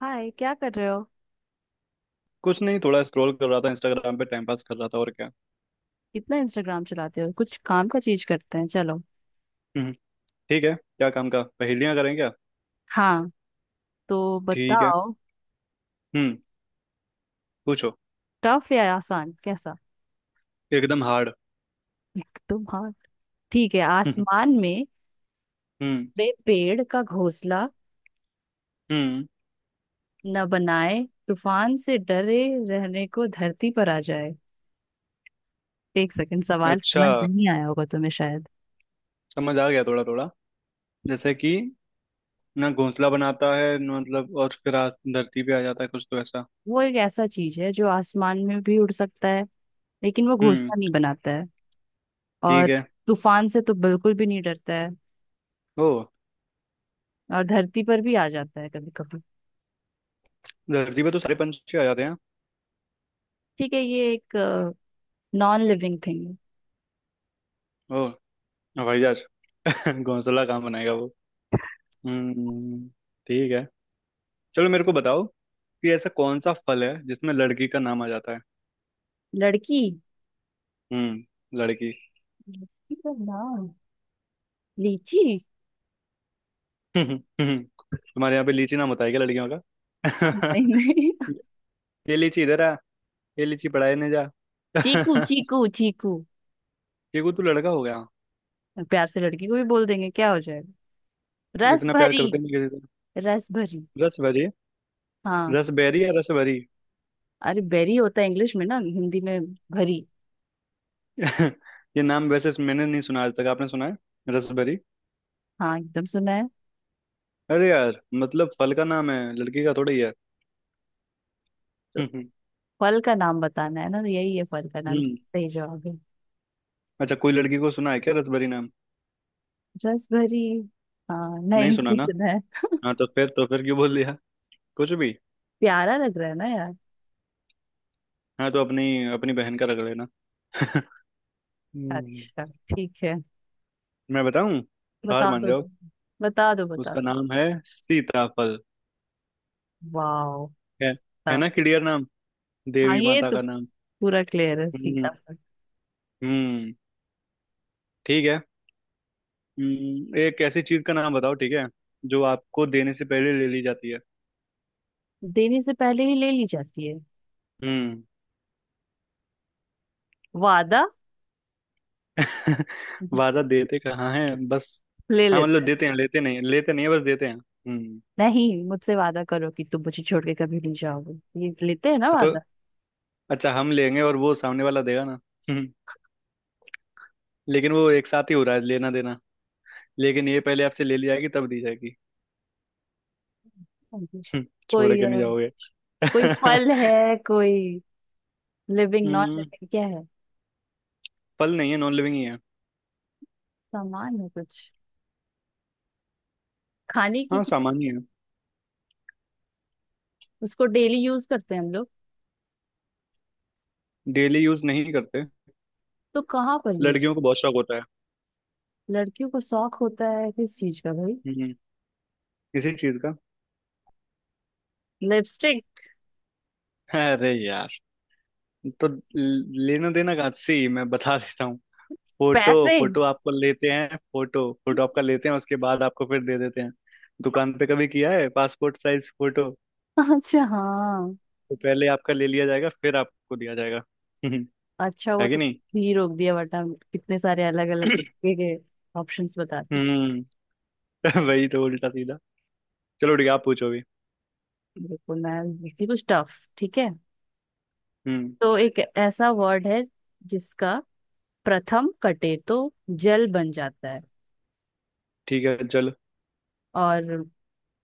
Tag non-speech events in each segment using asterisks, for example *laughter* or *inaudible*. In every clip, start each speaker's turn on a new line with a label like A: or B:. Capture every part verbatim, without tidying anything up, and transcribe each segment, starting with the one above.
A: हाय, क्या कर रहे हो।
B: कुछ नहीं, थोड़ा स्क्रॉल कर रहा था। इंस्टाग्राम पे टाइम पास कर रहा था। और क्या।
A: इतना इंस्टाग्राम चलाते हो, कुछ काम का चीज करते हैं। चलो
B: हम्म। ठीक है, क्या काम का, पहेलियां करें क्या?
A: हाँ, तो
B: ठीक है।
A: बताओ
B: हम्म। पूछो।
A: टफ या आसान कैसा।
B: एकदम हार्ड।
A: *laughs* तुम हाँ। ठीक है,
B: हम्म।
A: आसमान में बड़े पेड़ का घोंसला
B: हम्म।
A: न बनाए, तूफान से डरे, रहने को धरती पर आ जाए। एक सेकंड, सवाल
B: अच्छा,
A: समझ नहीं आया होगा तुम्हें शायद।
B: समझ आ गया थोड़ा थोड़ा। जैसे कि ना घोंसला बनाता है, ना मतलब, और फिर आ- धरती पे आ जाता है, कुछ तो ऐसा।
A: वो एक ऐसा चीज है जो आसमान में भी उड़ सकता है, लेकिन वो
B: हम्म।
A: घोंसला नहीं बनाता है। और
B: ठीक है।
A: तूफान से तो बिल्कुल भी नहीं डरता है।
B: ओ।
A: और धरती पर भी आ जाता है कभी कभी।
B: धरती पे तो सारे पंछी आ जाते हैं।
A: ठीक है, ये एक नॉन लिविंग थिंग है।
B: ओ, हवाई जहाज। *laughs* घोंसला कहाँ बनाएगा वो। हम्म। ठीक है। चलो, मेरे को बताओ कि ऐसा कौन सा फल है जिसमें लड़की का नाम आ जाता है?
A: लड़की,
B: हम्म, लड़की।
A: लड़की का नाम लीची।
B: *laughs* तुम्हारे यहाँ पे लीची नाम होता है क्या लड़कियों का?
A: नहीं नहीं।
B: *laughs* ये लीची इधर आ, ये लीची पढ़ाई नहीं जा।
A: चीकू
B: *laughs*
A: चीकू चीकू।
B: ये को तू लड़का हो गया।
A: प्यार से लड़की को भी बोल देंगे क्या हो जाएगा। रस
B: इतना प्यार
A: भरी।
B: करते नहीं किसी से।
A: रस भरी।
B: रस भरी।
A: हाँ।
B: रस बेरी या रस भरी?
A: अरे बेरी होता है इंग्लिश में, ना हिंदी में भरी।
B: *laughs* ये नाम वैसे मैंने नहीं सुना आज तक। आपने सुना है रस भरी?
A: हाँ, एकदम सुना है।
B: अरे यार, मतलब फल का नाम है, लड़की का थोड़ा ही है। *laughs*
A: फल का नाम बताना है ना, तो यही है फल का नाम,
B: हम्म।
A: सही जवाब है।
B: अच्छा, कोई लड़की को सुना है क्या रसभरी नाम?
A: रस भरी। हाँ,
B: नहीं
A: नहीं
B: सुना
A: नहीं
B: ना।
A: सुना है।
B: हाँ, तो फिर तो फिर क्यों बोल दिया कुछ भी?
A: प्यारा लग रहा है ना यार।
B: हाँ, तो अपनी अपनी बहन का रख लेना। *laughs* हम्म,
A: अच्छा, ठीक है।
B: मैं बताऊं। हार
A: बता
B: मान
A: दो
B: जाओ।
A: तुम। बता दो बता।
B: उसका नाम है सीताफल।
A: वाओ।
B: है। है
A: सीता।
B: ना क्लियर नाम,
A: हाँ,
B: देवी
A: ये
B: माता
A: तो
B: का नाम।
A: पूरा क्लियर है सीता
B: हम्म।
A: पर।
B: हम्म। ठीक है। हम्म, एक ऐसी चीज का नाम बताओ, ठीक है, जो आपको देने से पहले ले ली जाती है।
A: देने से पहले ही ले ली जाती है।
B: हम्म।
A: वादा।
B: *laughs*
A: *laughs*
B: वादा देते कहाँ है बस।
A: ले
B: हाँ,
A: लेते
B: मतलब
A: हैं।
B: देते हैं, लेते नहीं, लेते नहीं है, बस देते हैं। हम्म।
A: नहीं, मुझसे वादा करो कि तुम मुझे छोड़ के कभी नहीं जाओगे, ये लेते हैं ना
B: हाँ, तो
A: वादा।
B: अच्छा, हम लेंगे और वो सामने वाला देगा ना। हम्म, लेकिन वो एक साथ ही हो रहा है लेना देना। लेकिन ये पहले आपसे ले ली जाएगी तब दी जाएगी। *laughs*
A: जी।
B: हम्म, छोड़
A: कोई
B: के
A: अ,
B: नहीं जाओगे।
A: कोई फल
B: *laughs*
A: है, कोई लिविंग नॉन
B: हम्म।
A: लिविंग क्या है।
B: फल नहीं है, नॉन लिविंग ही है।
A: सामान है कुछ खाने की
B: हाँ,
A: चीज।
B: सामान्य है।
A: उसको डेली यूज करते हैं हम लोग।
B: डेली यूज नहीं करते।
A: तो कहाँ पर यूज।
B: लड़कियों को बहुत शौक होता है।
A: लड़कियों को शौक होता है किस चीज का भाई।
B: हम्म। इसी चीज का।
A: लिपस्टिक।
B: अरे यार, तो ल- लेना देना का सी मैं बता देता हूँ। फोटो।
A: पैसे।
B: फोटो आपको लेते हैं, फोटो फोटो आपका
A: *laughs*
B: लेते हैं, उसके बाद आपको फिर दे देते हैं। दुकान पे कभी किया है पासपोर्ट साइज फोटो?
A: अच्छा हाँ।
B: तो पहले आपका ले लिया जाएगा, फिर आपको दिया जाएगा। हम्म,
A: अच्छा हुआ
B: है कि
A: तो
B: नहीं?
A: ही रोक दिया, वरना कितने सारे अलग अलग
B: *clears throat*
A: तुक्के के ऑप्शंस बताती।
B: हम्म। *laughs* वही तो, उल्टा सीधा। चलो ठीक है, आप पूछो भी।
A: बिल्कुल, मैं पूछती कुछ टफ, ठीक है।
B: हम्म।
A: तो एक ऐसा वर्ड है जिसका प्रथम कटे तो जल बन जाता है,
B: ठीक है, चलो।
A: और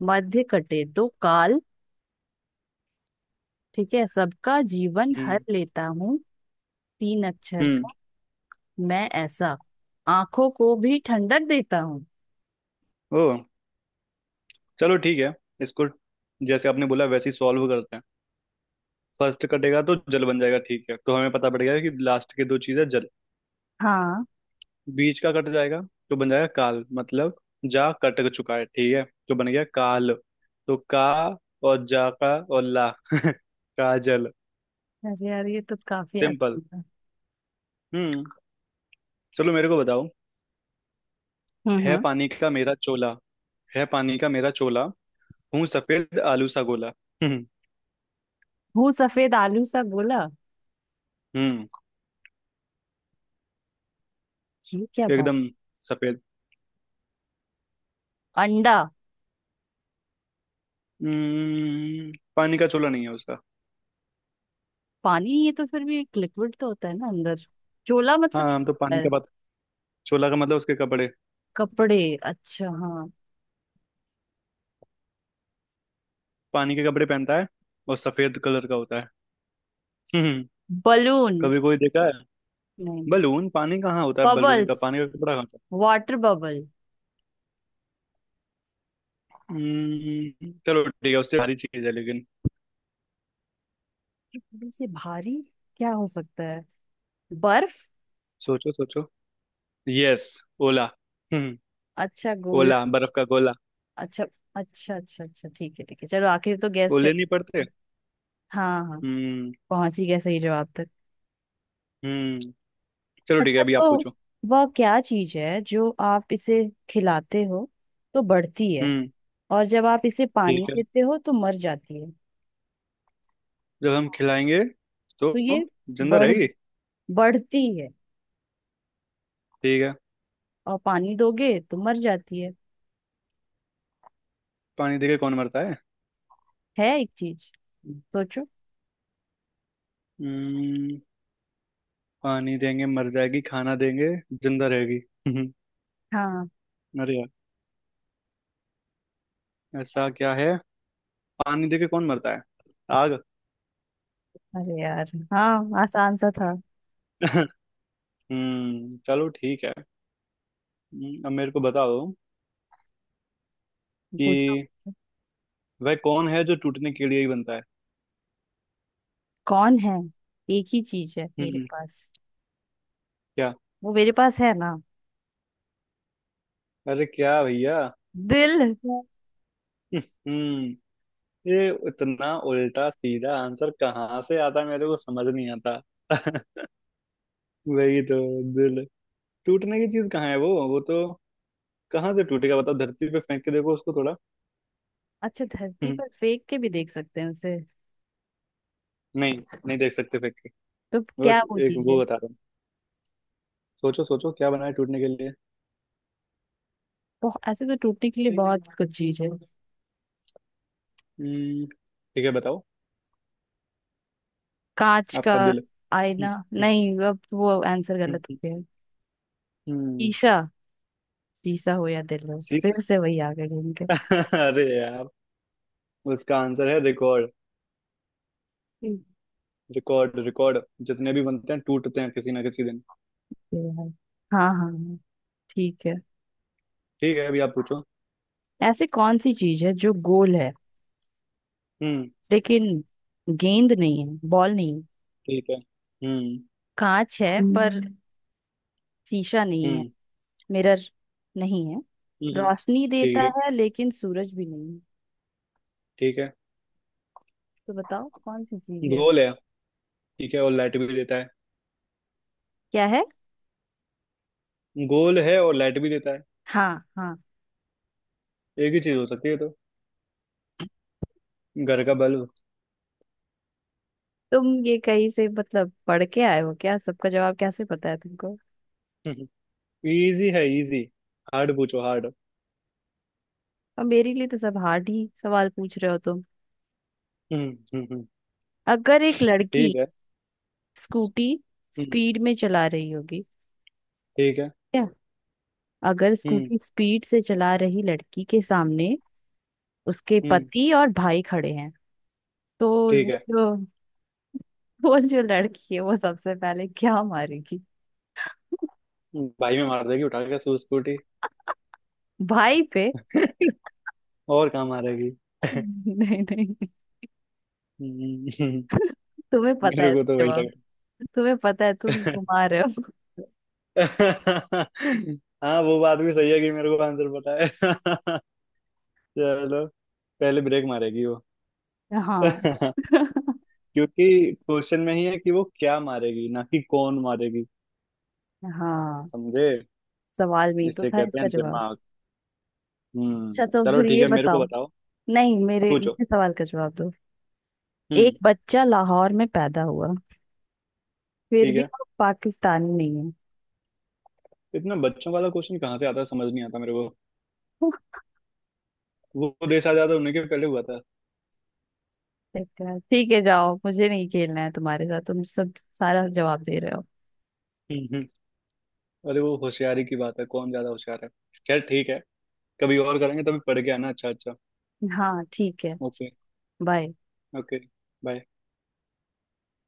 A: मध्य कटे तो काल। ठीक है, सबका जीवन हर
B: हम्म।
A: लेता हूँ। तीन अक्षर
B: हम्म।
A: का। मैं ऐसा आंखों को भी ठंडक देता हूँ।
B: ओ। चलो ठीक है, इसको जैसे आपने बोला वैसे ही सॉल्व करते हैं। फर्स्ट कटेगा तो जल बन जाएगा, ठीक है, तो हमें पता पड़ गया कि लास्ट के दो चीजें जल।
A: हाँ।
B: बीच का कट जाएगा, तो बन जाएगा काल, मतलब जा कट चुका है, ठीक है, तो बन गया काल। तो का, और जा का और ला। *laughs* काजल।
A: अरे यार ये तो काफी
B: सिंपल।
A: आसान था।
B: हम्म। चलो, मेरे को बताओ।
A: हम्म।
B: है
A: हम्म।
B: पानी का मेरा चोला, है पानी का मेरा चोला, हूँ सफेद आलू सा गोला। *laughs* हम्म।
A: हूँ सफेद आलू सा गोला।
B: हम्म।
A: ये क्या बात।
B: एकदम सफेद।
A: अंडा।
B: हम्म पानी का चोला नहीं है उसका।
A: पानी, ये तो फिर भी एक लिक्विड तो होता है ना अंदर। चोला मतलब
B: हाँ, हम तो
A: क्या
B: पानी
A: होता
B: का
A: है?
B: बात। चोला का मतलब उसके कपड़े।
A: कपड़े, अच्छा हाँ।
B: पानी के कपड़े पहनता है, और सफेद कलर का होता है। हम्म। हम्म,
A: बलून।
B: कभी कोई देखा है?
A: नहीं।
B: बलून पानी कहाँ होता है, बलून का
A: बबल्स।
B: पानी का कपड़ा कहाँ होता
A: वाटर बबल।
B: है? हम्म, चलो ठीक है, उससे भारी चीज है लेकिन।
A: बबल से भारी क्या हो सकता है। बर्फ।
B: सोचो सोचो। यस। ओला। हम्म
A: अच्छा गोल।
B: ओला, बर्फ का गोला।
A: अच्छा, अच्छा अच्छा अच्छा। ठीक है, ठीक है, चलो आखिर तो गैस कर।
B: ओले नहीं पड़ते।
A: हाँ हाँ।
B: हम्म।
A: पहुंच ही गया सही जवाब तक।
B: हम्म चलो ठीक है,
A: अच्छा,
B: अभी
A: तो
B: आप पूछो।
A: वह क्या चीज है जो आप इसे खिलाते हो तो बढ़ती है,
B: हम्म।
A: और जब आप इसे पानी
B: ठीक है।
A: देते हो तो मर जाती है।
B: जब हम खिलाएंगे तो
A: तो ये
B: जिंदा
A: बढ़
B: रहेगी।
A: बढ़ती है,
B: ठीक है।
A: और पानी दोगे तो मर जाती है।
B: पानी देके कौन मरता है?
A: है एक चीज, सोचो।
B: हम्म पानी देंगे मर जाएगी, खाना देंगे जिंदा रहेगी। *laughs*
A: हाँ।
B: अरे यार, ऐसा क्या है? पानी देके कौन मरता है? आग।
A: अरे यार हाँ, आसान सा था।
B: *laughs* हम्म चलो ठीक है। हम्म, अब मेरे को बताओ
A: पूछो।
B: कि वह कौन है जो टूटने के लिए ही बनता है?
A: कौन है। एक ही चीज है मेरे
B: हम्म।
A: पास।
B: क्या?
A: वो मेरे पास है ना।
B: अरे क्या भैया।
A: दिल है।
B: *laughs* हम्म ये इतना उल्टा सीधा आंसर कहाँ से आता है, मेरे को समझ नहीं आता। *laughs* वही तो, दिल। टूटने की चीज कहाँ है वो वो तो कहाँ से टूटेगा? बताओ, धरती पे फेंक के देखो उसको थोड़ा। *laughs*
A: अच्छा, धरती पर फेंक के भी देख सकते हैं उसे।
B: नहीं। नहीं देख सकते फेंक।
A: तो क्या
B: बस
A: वो
B: एक
A: चीज है,
B: वो बता रहा हूँ, सोचो सोचो, क्या बना है टूटने के लिए?
A: बहुत ऐसे तो टूटने के लिए बहुत कुछ चीज है।
B: हम्म। ठीक है, बताओ।
A: कांच का
B: आपका दिल। *laughs*
A: आईना।
B: हम्म।
A: नहीं, अब वो आंसर गलत हो
B: हम्म।
A: गया।
B: हम्म,
A: शीशा। शीशा हो या दिल हो
B: शीश।
A: फिर से वही आ गए घूम
B: *laughs* अरे यार, उसका आंसर है रिकॉर्ड।
A: के।
B: रिकॉर्ड रिकॉर्ड, जितने भी बनते हैं टूटते हैं किसी ना किसी दिन।
A: है हाँ हाँ हाँ, ठीक है।
B: ठीक है, अभी आप पूछो।
A: ऐसी कौन सी चीज है जो गोल है,
B: हम्म।
A: लेकिन गेंद नहीं है, बॉल नहीं है।
B: ठीक है। हम्म।
A: कांच है पर हम्म, शीशा नहीं है।
B: हम्म।
A: मिरर नहीं है।
B: हम्म,
A: रोशनी देता
B: ठीक है।
A: है, लेकिन सूरज भी नहीं है।
B: ठीक है।
A: तो बताओ कौन सी चीज है।
B: गोल है। ठीक है, और लाइट भी देता है।
A: क्या है।
B: गोल है और लाइट भी देता है।
A: हाँ हाँ।
B: एक ही चीज हो सकती है ये तो, घर का बल्ब।
A: तुम ये कहीं से मतलब पढ़ के आए हो क्या, सबका जवाब कैसे पता है तुमको।
B: *laughs* इजी है, इजी। हार्ड पूछो।
A: और मेरे लिए तो सब हार्ड ही सवाल पूछ रहे हो तुम।
B: हार्ड।
A: अगर एक लड़की
B: ठीक है।
A: स्कूटी
B: हम्म।
A: स्पीड में चला रही होगी।
B: ठीक है।
A: अगर
B: हम्म।
A: स्कूटी स्पीड से चला रही लड़की के सामने उसके
B: हम्म।
A: पति और भाई खड़े हैं, तो
B: ठीक
A: वो
B: है।
A: जो वो जो लड़की है वो सबसे पहले क्या मारेगी। *laughs*
B: हम्म, भाई में मार देगी उठा के, सूस स्कूटी।
A: भाई पे।
B: *laughs* और कहाँ मारेगी? *laughs*
A: नहीं नहीं।
B: हम्म,
A: तुम्हें पता है
B: मेरे को तो
A: इसका
B: वही
A: जवाब।
B: लग।
A: तुम्हें पता है, तुम घुमा रहे हो।
B: *laughs* हाँ, वो बात भी सही है कि मेरे को आंसर पता है। *laughs* चलो। पहले ब्रेक मारेगी वो।
A: हाँ।
B: *laughs*
A: *laughs*
B: क्योंकि क्वेश्चन में ही है कि वो क्या मारेगी, ना कि कौन मारेगी।
A: हाँ,
B: समझे?
A: सवाल में ही तो
B: इसे
A: था
B: कहते
A: इसका
B: हैं
A: जवाब।
B: दिमाग। हम्म
A: अच्छा, तो
B: चलो
A: फिर
B: ठीक
A: ये
B: है, मेरे को
A: बताओ।
B: बताओ।
A: नहीं, मेरे
B: पूछो।
A: मेरे सवाल का जवाब दो। एक
B: हम्म।
A: बच्चा लाहौर में पैदा हुआ, फिर
B: ठीक
A: भी
B: है।
A: वो पाकिस्तानी नहीं है।
B: इतना बच्चों वाला क्वेश्चन कहाँ से आता है, समझ नहीं आता मेरे को। वो देश आजाद होने के पहले हुआ था।
A: चक्कर, ठीक है, जाओ, मुझे नहीं खेलना है तुम्हारे साथ, तुम सब सारा जवाब दे रहे हो।
B: हम्म, हम्म। अरे, वो होशियारी की बात है, कौन ज्यादा होशियार है। खैर ठीक है, कभी और करेंगे, तभी पढ़ के आना। अच्छा अच्छा।
A: हाँ ठीक है।
B: ओके।
A: बाय।
B: ओके। बाय।